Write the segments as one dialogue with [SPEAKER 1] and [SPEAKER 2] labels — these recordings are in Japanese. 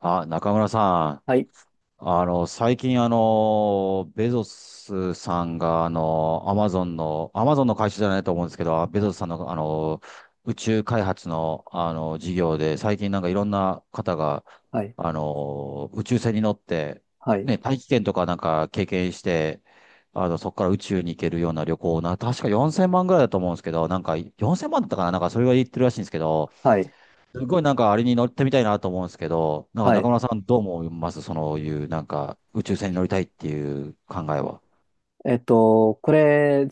[SPEAKER 1] あ、中村さ
[SPEAKER 2] はい、
[SPEAKER 1] ん、最近、ベゾスさんが、アマゾンの会社じゃないと思うんですけど、ベゾスさんの、宇宙開発の、事業で、最近なんかいろんな方が、
[SPEAKER 2] はい、
[SPEAKER 1] 宇宙船に乗って、
[SPEAKER 2] はい、
[SPEAKER 1] ね、大気圏とかなんか経験して、そこから宇宙に行けるような旅行な、確か4000万ぐらいだと思うんですけど、なんか4000万だったかな、なんかそれは言ってるらしいんですけど、
[SPEAKER 2] はい、
[SPEAKER 1] すごいなんかあれに乗ってみたいなと思うんですけど、なんか
[SPEAKER 2] は
[SPEAKER 1] 中
[SPEAKER 2] い。
[SPEAKER 1] 村さんどう思いますそういうなんか宇宙船に乗りたいっていう考えは？
[SPEAKER 2] これ、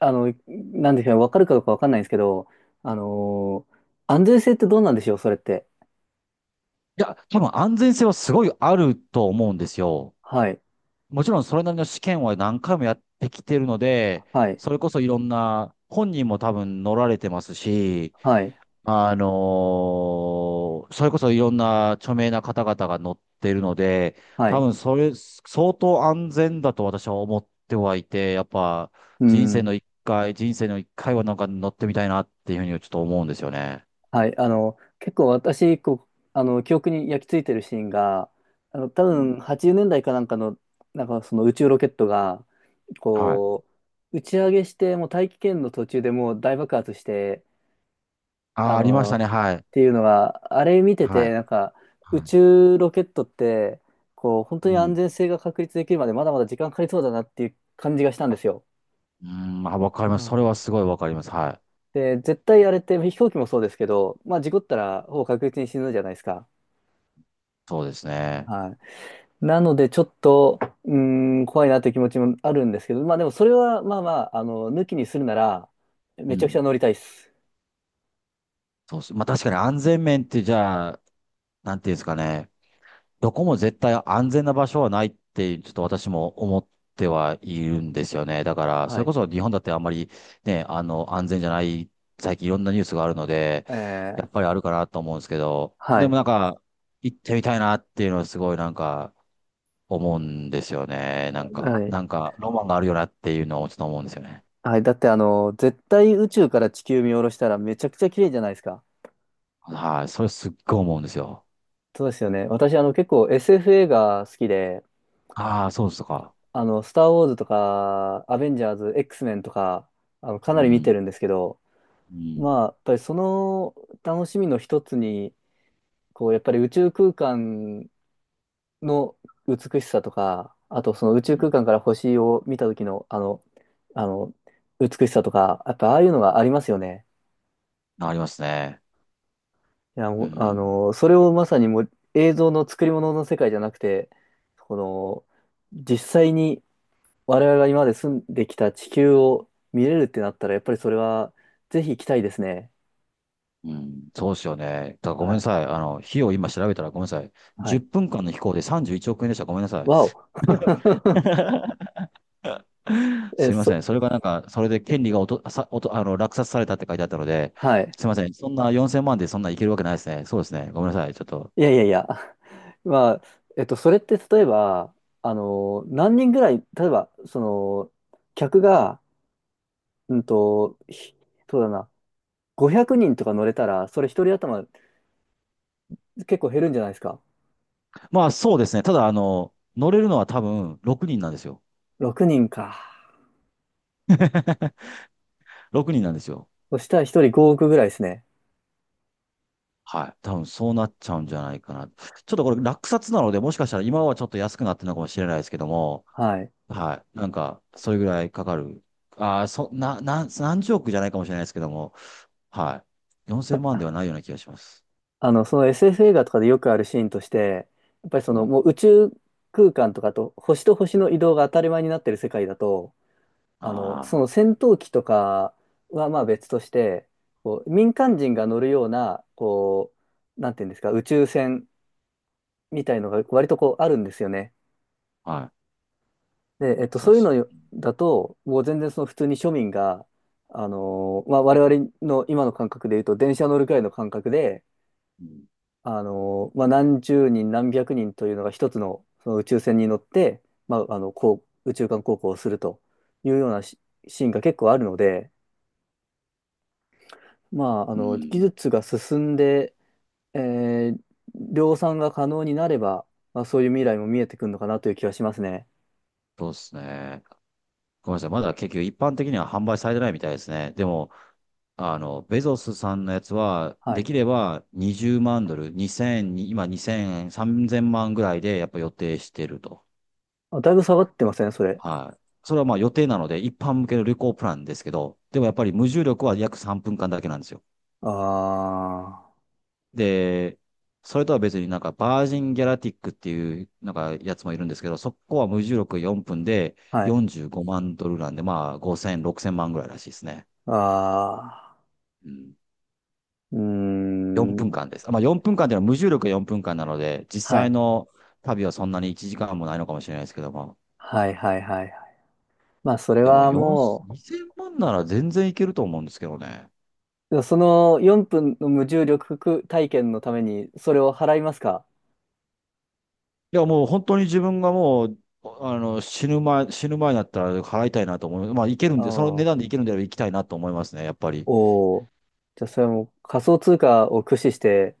[SPEAKER 2] なんでしょうね、わかるかどうかわかんないんですけど、あのー安全性ってどうなんでしょう、それって？
[SPEAKER 1] いや、多分安全性はすごいあると思うんですよ。
[SPEAKER 2] はい、
[SPEAKER 1] もちろんそれなりの試験は何回もやってきてるので、
[SPEAKER 2] はい、
[SPEAKER 1] それこそいろんな、本人も多分乗られてますし、
[SPEAKER 2] はい、
[SPEAKER 1] それこそいろんな著名な方々が乗ってるので、
[SPEAKER 2] は
[SPEAKER 1] 多
[SPEAKER 2] い、
[SPEAKER 1] 分それ、相当安全だと私は思ってはいて、やっぱ
[SPEAKER 2] う
[SPEAKER 1] 人生
[SPEAKER 2] ん、
[SPEAKER 1] の一回、人生の一回はなんか乗ってみたいなっていうふうにちょっと思うんですよね。
[SPEAKER 2] はい、結構私、こう、記憶に焼き付いてるシーンが、多
[SPEAKER 1] うん。
[SPEAKER 2] 分80年代かなんかの、なんかその宇宙ロケットが、
[SPEAKER 1] はい。
[SPEAKER 2] こう、打ち上げして、もう大気圏の途中でもう大爆発して、
[SPEAKER 1] あー、ありました
[SPEAKER 2] っ
[SPEAKER 1] ね。はい。
[SPEAKER 2] ていうのが、あれ見て
[SPEAKER 1] は
[SPEAKER 2] て、
[SPEAKER 1] い。
[SPEAKER 2] なんか、宇
[SPEAKER 1] は
[SPEAKER 2] 宙ロケットって、こう、本
[SPEAKER 1] い。
[SPEAKER 2] 当
[SPEAKER 1] う
[SPEAKER 2] に安
[SPEAKER 1] ん。
[SPEAKER 2] 全性が確立できるまでまだまだ時間かかりそうだなっていう感じがしたんですよ。
[SPEAKER 1] うん、まあ、わかり
[SPEAKER 2] う
[SPEAKER 1] ます。そ
[SPEAKER 2] ん。
[SPEAKER 1] れはすごいわかります。はい。
[SPEAKER 2] で、絶対あれって飛行機もそうですけど、まあ事故ったらほぼ確実に死ぬじゃないですか。
[SPEAKER 1] そうですね。
[SPEAKER 2] はい。なのでちょっと、怖いなという気持ちもあるんですけど、まあでもそれはまあまあ、抜きにするなら、
[SPEAKER 1] う
[SPEAKER 2] めちゃくち
[SPEAKER 1] ん。
[SPEAKER 2] ゃ乗りたいです。
[SPEAKER 1] そうです。まあ確かに安全面ってじゃあ、なんていうんですかね。どこも絶対安全な場所はないって、ちょっと私も思ってはいるんですよね。だから、そ
[SPEAKER 2] は
[SPEAKER 1] れこ
[SPEAKER 2] い。
[SPEAKER 1] そ日本だってあんまりね、安全じゃない、最近いろんなニュースがあるので、
[SPEAKER 2] え
[SPEAKER 1] や
[SPEAKER 2] ー、
[SPEAKER 1] っぱりあるかなと思うんですけど、
[SPEAKER 2] は
[SPEAKER 1] で
[SPEAKER 2] い。
[SPEAKER 1] もなんか、行ってみたいなっていうのはすごいなんか、思うんですよね。なんか、
[SPEAKER 2] はい。
[SPEAKER 1] なんか、ロマンがあるよなっていうのをちょっと思うんですよね。
[SPEAKER 2] はい。だって絶対宇宙から地球見下ろしたらめちゃくちゃ綺麗じゃないですか。
[SPEAKER 1] はい、それすっごい思うんですよ。
[SPEAKER 2] そうですよね。私結構 SF 映画好きで、
[SPEAKER 1] ああ、そうですとか。
[SPEAKER 2] スターウォーズとか、アベンジャーズ、X メンとか、
[SPEAKER 1] う
[SPEAKER 2] かなり見て
[SPEAKER 1] ん、
[SPEAKER 2] るんですけど、
[SPEAKER 1] うん、
[SPEAKER 2] まあ、やっぱりその楽しみの一つに、こう、やっぱり宇宙空間の美しさとか、あとその宇
[SPEAKER 1] う
[SPEAKER 2] 宙
[SPEAKER 1] ん。
[SPEAKER 2] 空間から星を見た時の、あの、美しさとか、やっぱああいうのがありますよね。
[SPEAKER 1] ありますね。
[SPEAKER 2] いや、
[SPEAKER 1] う
[SPEAKER 2] もう、
[SPEAKER 1] ん。
[SPEAKER 2] それをまさにもう映像の作り物の世界じゃなくて、この、実際に我々が今まで住んできた地球を見れるってなったら、やっぱりそれはぜひ行きたいですね。
[SPEAKER 1] うん、そうですよね。ただごめ
[SPEAKER 2] は
[SPEAKER 1] んな
[SPEAKER 2] い。
[SPEAKER 1] さい。費用今調べたらごめんなさい。
[SPEAKER 2] は
[SPEAKER 1] 10
[SPEAKER 2] い。
[SPEAKER 1] 分間の飛行で31億円でした。ごめんなさい。
[SPEAKER 2] わお。え、
[SPEAKER 1] すいませ
[SPEAKER 2] そ、
[SPEAKER 1] ん。それがなんか、それで権利がおと、さ、おと、あの、落札されたって書いてあったので、
[SPEAKER 2] はい。
[SPEAKER 1] すいません。そんな4000万でそんないけるわけないですね。そうですね。ごめんなさい。ちょっと。
[SPEAKER 2] いやいやいや。まあ、それって例えば、何人ぐらい、例えば、客が、うんと、ひそうだな、500人とか乗れたら、それ一人頭結構減るんじゃないですか。
[SPEAKER 1] まあそうですね。ただ、乗れるのは多分6人なんですよ。
[SPEAKER 2] 6人か。
[SPEAKER 1] 6人なんですよ。
[SPEAKER 2] そしたら1人5億ぐらいですね。
[SPEAKER 1] はい。多分そうなっちゃうんじゃないかな。ちょっとこれ落札なので、もしかしたら今はちょっと安くなってるのかもしれないですけども、
[SPEAKER 2] はい。
[SPEAKER 1] はい。なんか、それぐらいかかる。ああ、そ、な、な、何十億じゃないかもしれないですけども、はい。4000
[SPEAKER 2] た
[SPEAKER 1] 万ではないような気がします。
[SPEAKER 2] あの、その SF 映画とかでよくあるシーンとして、やっぱりそ
[SPEAKER 1] う
[SPEAKER 2] の
[SPEAKER 1] ん。
[SPEAKER 2] もう宇宙空間とかと星と星の移動が当たり前になってる世界だと、
[SPEAKER 1] あ
[SPEAKER 2] その戦闘機とかはまあ別として、こう民間人が乗るような、こう、なんていうんですか、宇宙船みたいのが割とこうあるんですよね。
[SPEAKER 1] あ、はい。
[SPEAKER 2] で、
[SPEAKER 1] そう
[SPEAKER 2] そ
[SPEAKER 1] っ
[SPEAKER 2] ういう
[SPEAKER 1] すよ。
[SPEAKER 2] のだと、もう全然その普通に庶民が、まあ、我々の今の感覚で言うと、電車乗るくらいの感覚で、
[SPEAKER 1] うん。
[SPEAKER 2] まあ、何十人、何百人というのが一つの、その宇宙船に乗って、まあ、こう、宇宙間航行をするというようなシーンが結構あるので、まあ、
[SPEAKER 1] う
[SPEAKER 2] 技
[SPEAKER 1] ん。
[SPEAKER 2] 術が進んで、えー量産が可能になれば、まあ、そういう未来も見えてくるのかなという気がしますね。
[SPEAKER 1] そうっすね。ごめんなさい。まだ結局一般的には販売されてないみたいですね。でも、ベゾスさんのやつは、
[SPEAKER 2] は
[SPEAKER 1] で
[SPEAKER 2] い。
[SPEAKER 1] きれば20万ドル、2 0 0今2000、3000万ぐらいでやっぱ予定してると。
[SPEAKER 2] あ、だいぶ下がってません、それ？
[SPEAKER 1] はい。それはまあ予定なので、一般向けの旅行プランですけど、でもやっぱり無重力は約3分間だけなんですよ。
[SPEAKER 2] ああ。
[SPEAKER 1] で、それとは別になんかバージンギャラティックっていうなんかやつもいるんですけど、そこは無重力4分で
[SPEAKER 2] はい。
[SPEAKER 1] 45万ドルなんで、まあ5千0 0 6 0万ぐらいらしいですね。
[SPEAKER 2] ああ、
[SPEAKER 1] うん、
[SPEAKER 2] うー
[SPEAKER 1] 4分
[SPEAKER 2] ん。
[SPEAKER 1] 間です。まあ4分間っていうのは無重力が4分間なので、実
[SPEAKER 2] は
[SPEAKER 1] 際
[SPEAKER 2] い。
[SPEAKER 1] の旅はそんなに1時間もないのかもしれないですけども。
[SPEAKER 2] はいはいはいはい。まあ、それ
[SPEAKER 1] でも
[SPEAKER 2] は
[SPEAKER 1] 4、
[SPEAKER 2] も
[SPEAKER 1] 2000万なら全然いけると思うんですけどね。
[SPEAKER 2] う、その4分の無重力体験のために、それを払いますか？
[SPEAKER 1] いや、もう本当に自分がもう、死ぬ前になったら払いたいなと思います。まあ、いける
[SPEAKER 2] あ
[SPEAKER 1] ん
[SPEAKER 2] あ、
[SPEAKER 1] で、その値
[SPEAKER 2] お
[SPEAKER 1] 段でいけるんであれば行きたいなと思いますね、やっぱり。
[SPEAKER 2] お、じゃあ、それはもう仮想通貨を駆使して、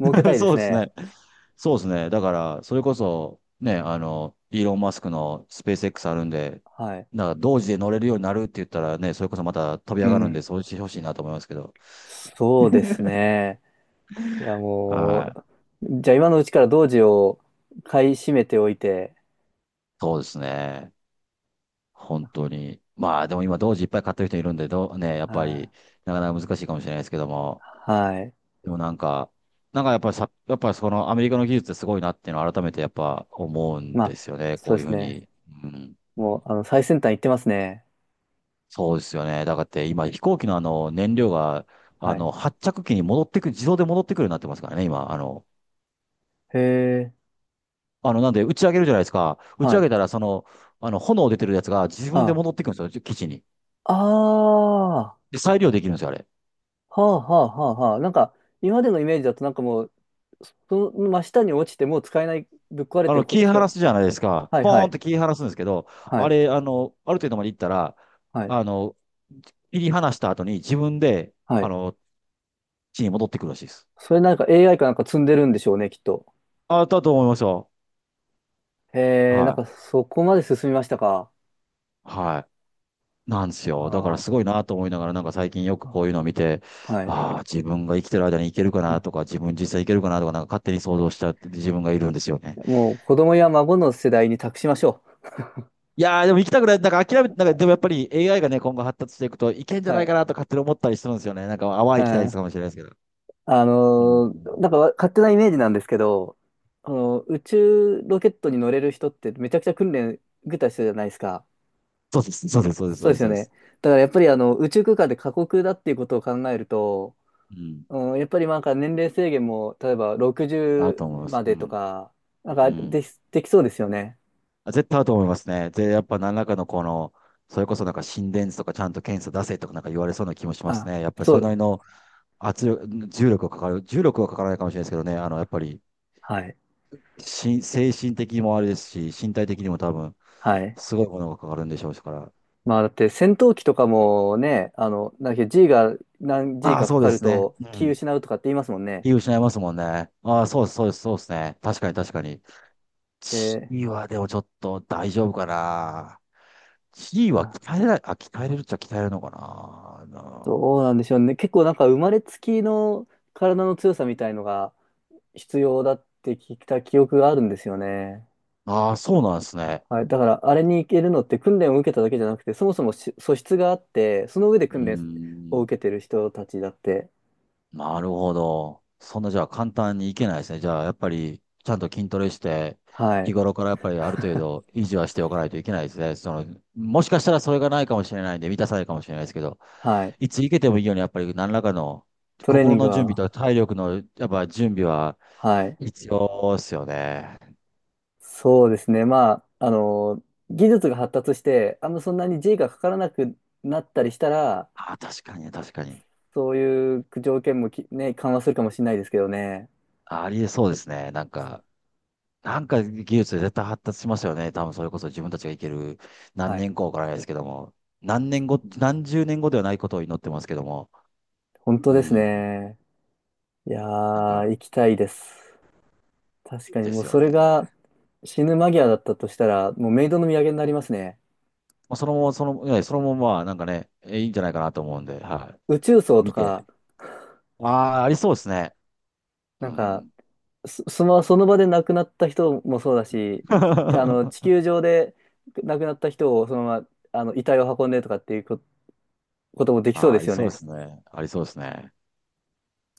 [SPEAKER 2] 儲けた いで
[SPEAKER 1] そ
[SPEAKER 2] す
[SPEAKER 1] うです
[SPEAKER 2] ね。
[SPEAKER 1] ね。そうですね。だから、それこそ、ね、イーロン・マスクのスペース X あるんで、
[SPEAKER 2] はい。
[SPEAKER 1] なんか同時で乗れるようになるって言ったらね、それこそまた飛び
[SPEAKER 2] う
[SPEAKER 1] 上がるん
[SPEAKER 2] ん。
[SPEAKER 1] で、そうしてほしいなと思いますけど。
[SPEAKER 2] そうですね。いや、も
[SPEAKER 1] はい。
[SPEAKER 2] う、じゃあ今のうちから同時を買い占めておいて、
[SPEAKER 1] そうですね。本当に。まあ、でも今、同時いっぱい買ってる人いるんで、どう、ね、やっぱ
[SPEAKER 2] はい。
[SPEAKER 1] り、なかなか難しいかもしれないですけども。
[SPEAKER 2] はい。
[SPEAKER 1] でもなんか、なんかやっぱりさ、やっぱりそのアメリカの技術ってすごいなっていうのを改めてやっぱ思うん
[SPEAKER 2] まあ、
[SPEAKER 1] ですよね。
[SPEAKER 2] そ
[SPEAKER 1] こ
[SPEAKER 2] う
[SPEAKER 1] うい
[SPEAKER 2] で
[SPEAKER 1] うふ
[SPEAKER 2] す
[SPEAKER 1] う
[SPEAKER 2] ね。
[SPEAKER 1] に。うん。
[SPEAKER 2] もう、最先端行ってますね。
[SPEAKER 1] そうですよね。だからって今飛行機のあの燃料が、
[SPEAKER 2] はい。
[SPEAKER 1] 発着機に戻ってくる、自動で戻ってくるようになってますからね、今。
[SPEAKER 2] へえ、
[SPEAKER 1] なんで打ち上げるじゃないですか。打ち
[SPEAKER 2] は
[SPEAKER 1] 上
[SPEAKER 2] い。
[SPEAKER 1] げたらその、炎出てるやつが自分で
[SPEAKER 2] あ、
[SPEAKER 1] 戻ってくるんですよ、基地に。
[SPEAKER 2] ああ、は
[SPEAKER 1] で、再利用できるんですよ、あれ。
[SPEAKER 2] あはあはあはあ。なんか、今までのイメージだとなんかもう、その真下に落ちてもう使えない、ぶっ壊れてこ
[SPEAKER 1] 切り
[SPEAKER 2] 使え、
[SPEAKER 1] 離すじゃないですか。
[SPEAKER 2] はい
[SPEAKER 1] ポ
[SPEAKER 2] は
[SPEAKER 1] ーンっ
[SPEAKER 2] い、
[SPEAKER 1] て切り離すんですけど、
[SPEAKER 2] は
[SPEAKER 1] あ
[SPEAKER 2] い、
[SPEAKER 1] れ、ある程度まで行ったら、
[SPEAKER 2] はい、
[SPEAKER 1] あの、切り離した後に自分で、
[SPEAKER 2] はい。
[SPEAKER 1] 地に戻ってくるらしいです。
[SPEAKER 2] それなんか AI かなんか積んでるんでしょうね、きっと。
[SPEAKER 1] あ、だと思いますよ。
[SPEAKER 2] へえ、な
[SPEAKER 1] は
[SPEAKER 2] んか
[SPEAKER 1] い。
[SPEAKER 2] そこまで進みましたか？
[SPEAKER 1] はい。なんですよ。だから
[SPEAKER 2] あ
[SPEAKER 1] すごいなと思いながら、なんか最近よく
[SPEAKER 2] あ、
[SPEAKER 1] こういうのを見て、
[SPEAKER 2] はい。
[SPEAKER 1] ああ、自分が生きてる間に行けるか
[SPEAKER 2] う
[SPEAKER 1] な
[SPEAKER 2] ん。
[SPEAKER 1] とか、自分実際行けるかなとか、なんか勝手に想像しちゃって自分がいるんですよね。
[SPEAKER 2] もう子供や孫の世代に託しましょ
[SPEAKER 1] いやー、でも行きたくない。なんか諦めて、なんかでもやっぱり AI がね、今後発達していくといけんじ
[SPEAKER 2] う。
[SPEAKER 1] ゃ
[SPEAKER 2] は
[SPEAKER 1] ないか
[SPEAKER 2] い。
[SPEAKER 1] なと勝手に思ったりするんですよね。なんか淡
[SPEAKER 2] う
[SPEAKER 1] い期待で
[SPEAKER 2] ん。
[SPEAKER 1] すかもしれないですけど。うん。
[SPEAKER 2] なんか勝手なイメージなんですけど、宇宙ロケットに乗れる人ってめちゃくちゃ訓練受けた人じゃないですか。
[SPEAKER 1] そうです、そうです、そうです、そ
[SPEAKER 2] そ
[SPEAKER 1] う
[SPEAKER 2] うで
[SPEAKER 1] です、
[SPEAKER 2] すよ
[SPEAKER 1] そうで
[SPEAKER 2] ね。
[SPEAKER 1] す。
[SPEAKER 2] だからやっぱり宇宙空間で過酷だっていうことを考えると、
[SPEAKER 1] うん。
[SPEAKER 2] うん、やっぱりなんか年齢制限も、例えば
[SPEAKER 1] 合うと思い
[SPEAKER 2] 60
[SPEAKER 1] ます。
[SPEAKER 2] ま
[SPEAKER 1] う
[SPEAKER 2] でと
[SPEAKER 1] ん。
[SPEAKER 2] か、な
[SPEAKER 1] う
[SPEAKER 2] んか
[SPEAKER 1] ん。
[SPEAKER 2] できそうですよね。
[SPEAKER 1] あ、絶対合うと思いますね。で、やっぱ何らかのこの、それこそなんか心電図とかちゃんと検査出せとかなんか言われそうな気もします
[SPEAKER 2] あ、
[SPEAKER 1] ね。やっぱり
[SPEAKER 2] そ
[SPEAKER 1] それな
[SPEAKER 2] う、
[SPEAKER 1] りの圧力、重力がかかる、重力はかからないかもしれないですけどね、やっぱり
[SPEAKER 2] はい、
[SPEAKER 1] 精神的にもあれですし、身体的にも多分、
[SPEAKER 2] はい。
[SPEAKER 1] すごいものがかかるんでしょうから。
[SPEAKER 2] まあだって戦闘機とかもね、なんだっけ G が何 G
[SPEAKER 1] ああ、
[SPEAKER 2] かか
[SPEAKER 1] そう
[SPEAKER 2] か
[SPEAKER 1] で
[SPEAKER 2] る
[SPEAKER 1] すね。
[SPEAKER 2] と
[SPEAKER 1] う
[SPEAKER 2] 気
[SPEAKER 1] ん。
[SPEAKER 2] 失うとかって言いますもんね。
[SPEAKER 1] 気を失いますもんね。ああ、そうです、そうです、そうですね。確かに、確かに。地
[SPEAKER 2] で、
[SPEAKER 1] 位はでもちょっと大丈夫かな。地位は鍛えれるっちゃ鍛えれるのかな。
[SPEAKER 2] どうなんでしょうね。結構なんか生まれつきの体の強さみたいのが必要だって聞いた記憶があるんですよね。
[SPEAKER 1] ああ、そうなんですね。
[SPEAKER 2] はい。だからあれに行けるのって訓練を受けただけじゃなくて、そもそも素質があって、その上で
[SPEAKER 1] うー
[SPEAKER 2] 訓練を
[SPEAKER 1] ん、
[SPEAKER 2] 受けてる人たちだって。
[SPEAKER 1] なるほど。そんなじゃあ簡単にいけないですね。じゃあやっぱりちゃんと筋トレして、
[SPEAKER 2] は
[SPEAKER 1] 日
[SPEAKER 2] い。
[SPEAKER 1] 頃からやっぱりある程 度維持はしておかないといけないですね。その、もしかしたらそれがないかもしれないんで、満たさないかもしれないですけど、
[SPEAKER 2] はい。
[SPEAKER 1] いついけてもいいようにやっぱり何らかの
[SPEAKER 2] トレーニ
[SPEAKER 1] 心
[SPEAKER 2] ング
[SPEAKER 1] の準備
[SPEAKER 2] は、
[SPEAKER 1] と体力のやっぱ準備は
[SPEAKER 2] はい。
[SPEAKER 1] 必要ですよね。
[SPEAKER 2] そうですね。まあ、技術が発達して、あんまそんなに G がかからなくなったりしたら、
[SPEAKER 1] あー、確かに、確かに。
[SPEAKER 2] そういう条件もね、緩和するかもしれないですけどね。
[SPEAKER 1] あ、ありえそうですね。なんか、なんか技術で絶対発達しますよね。多分それこそ自分たちがいける何
[SPEAKER 2] はい。
[SPEAKER 1] 年後からですけども、何年後、何十年後ではないことを祈ってますけども、
[SPEAKER 2] 本当
[SPEAKER 1] う
[SPEAKER 2] です
[SPEAKER 1] ん、
[SPEAKER 2] ね。いや
[SPEAKER 1] なんか、
[SPEAKER 2] ー、行きたいです。確かに
[SPEAKER 1] で
[SPEAKER 2] もう
[SPEAKER 1] すよ
[SPEAKER 2] それが
[SPEAKER 1] ね。
[SPEAKER 2] 死ぬ間際だったとしたら、もうメイドの土産になりますね。
[SPEAKER 1] まあ、そのまま、その、そのまま、なんかね、いいんじゃないかなと思うんで、は
[SPEAKER 2] 宇宙葬
[SPEAKER 1] い。
[SPEAKER 2] と
[SPEAKER 1] 見
[SPEAKER 2] か、
[SPEAKER 1] て。ああ、ありそうですね。
[SPEAKER 2] な
[SPEAKER 1] う
[SPEAKER 2] んか、
[SPEAKER 1] ん。
[SPEAKER 2] その場で亡くなった人もそうだし、地
[SPEAKER 1] あ
[SPEAKER 2] 球上で亡くなった人をそのまま、遺体を運んでとかっていうこともできそう
[SPEAKER 1] あ、
[SPEAKER 2] で
[SPEAKER 1] あり
[SPEAKER 2] すよ
[SPEAKER 1] そうで
[SPEAKER 2] ね。
[SPEAKER 1] すね。ありそうですね。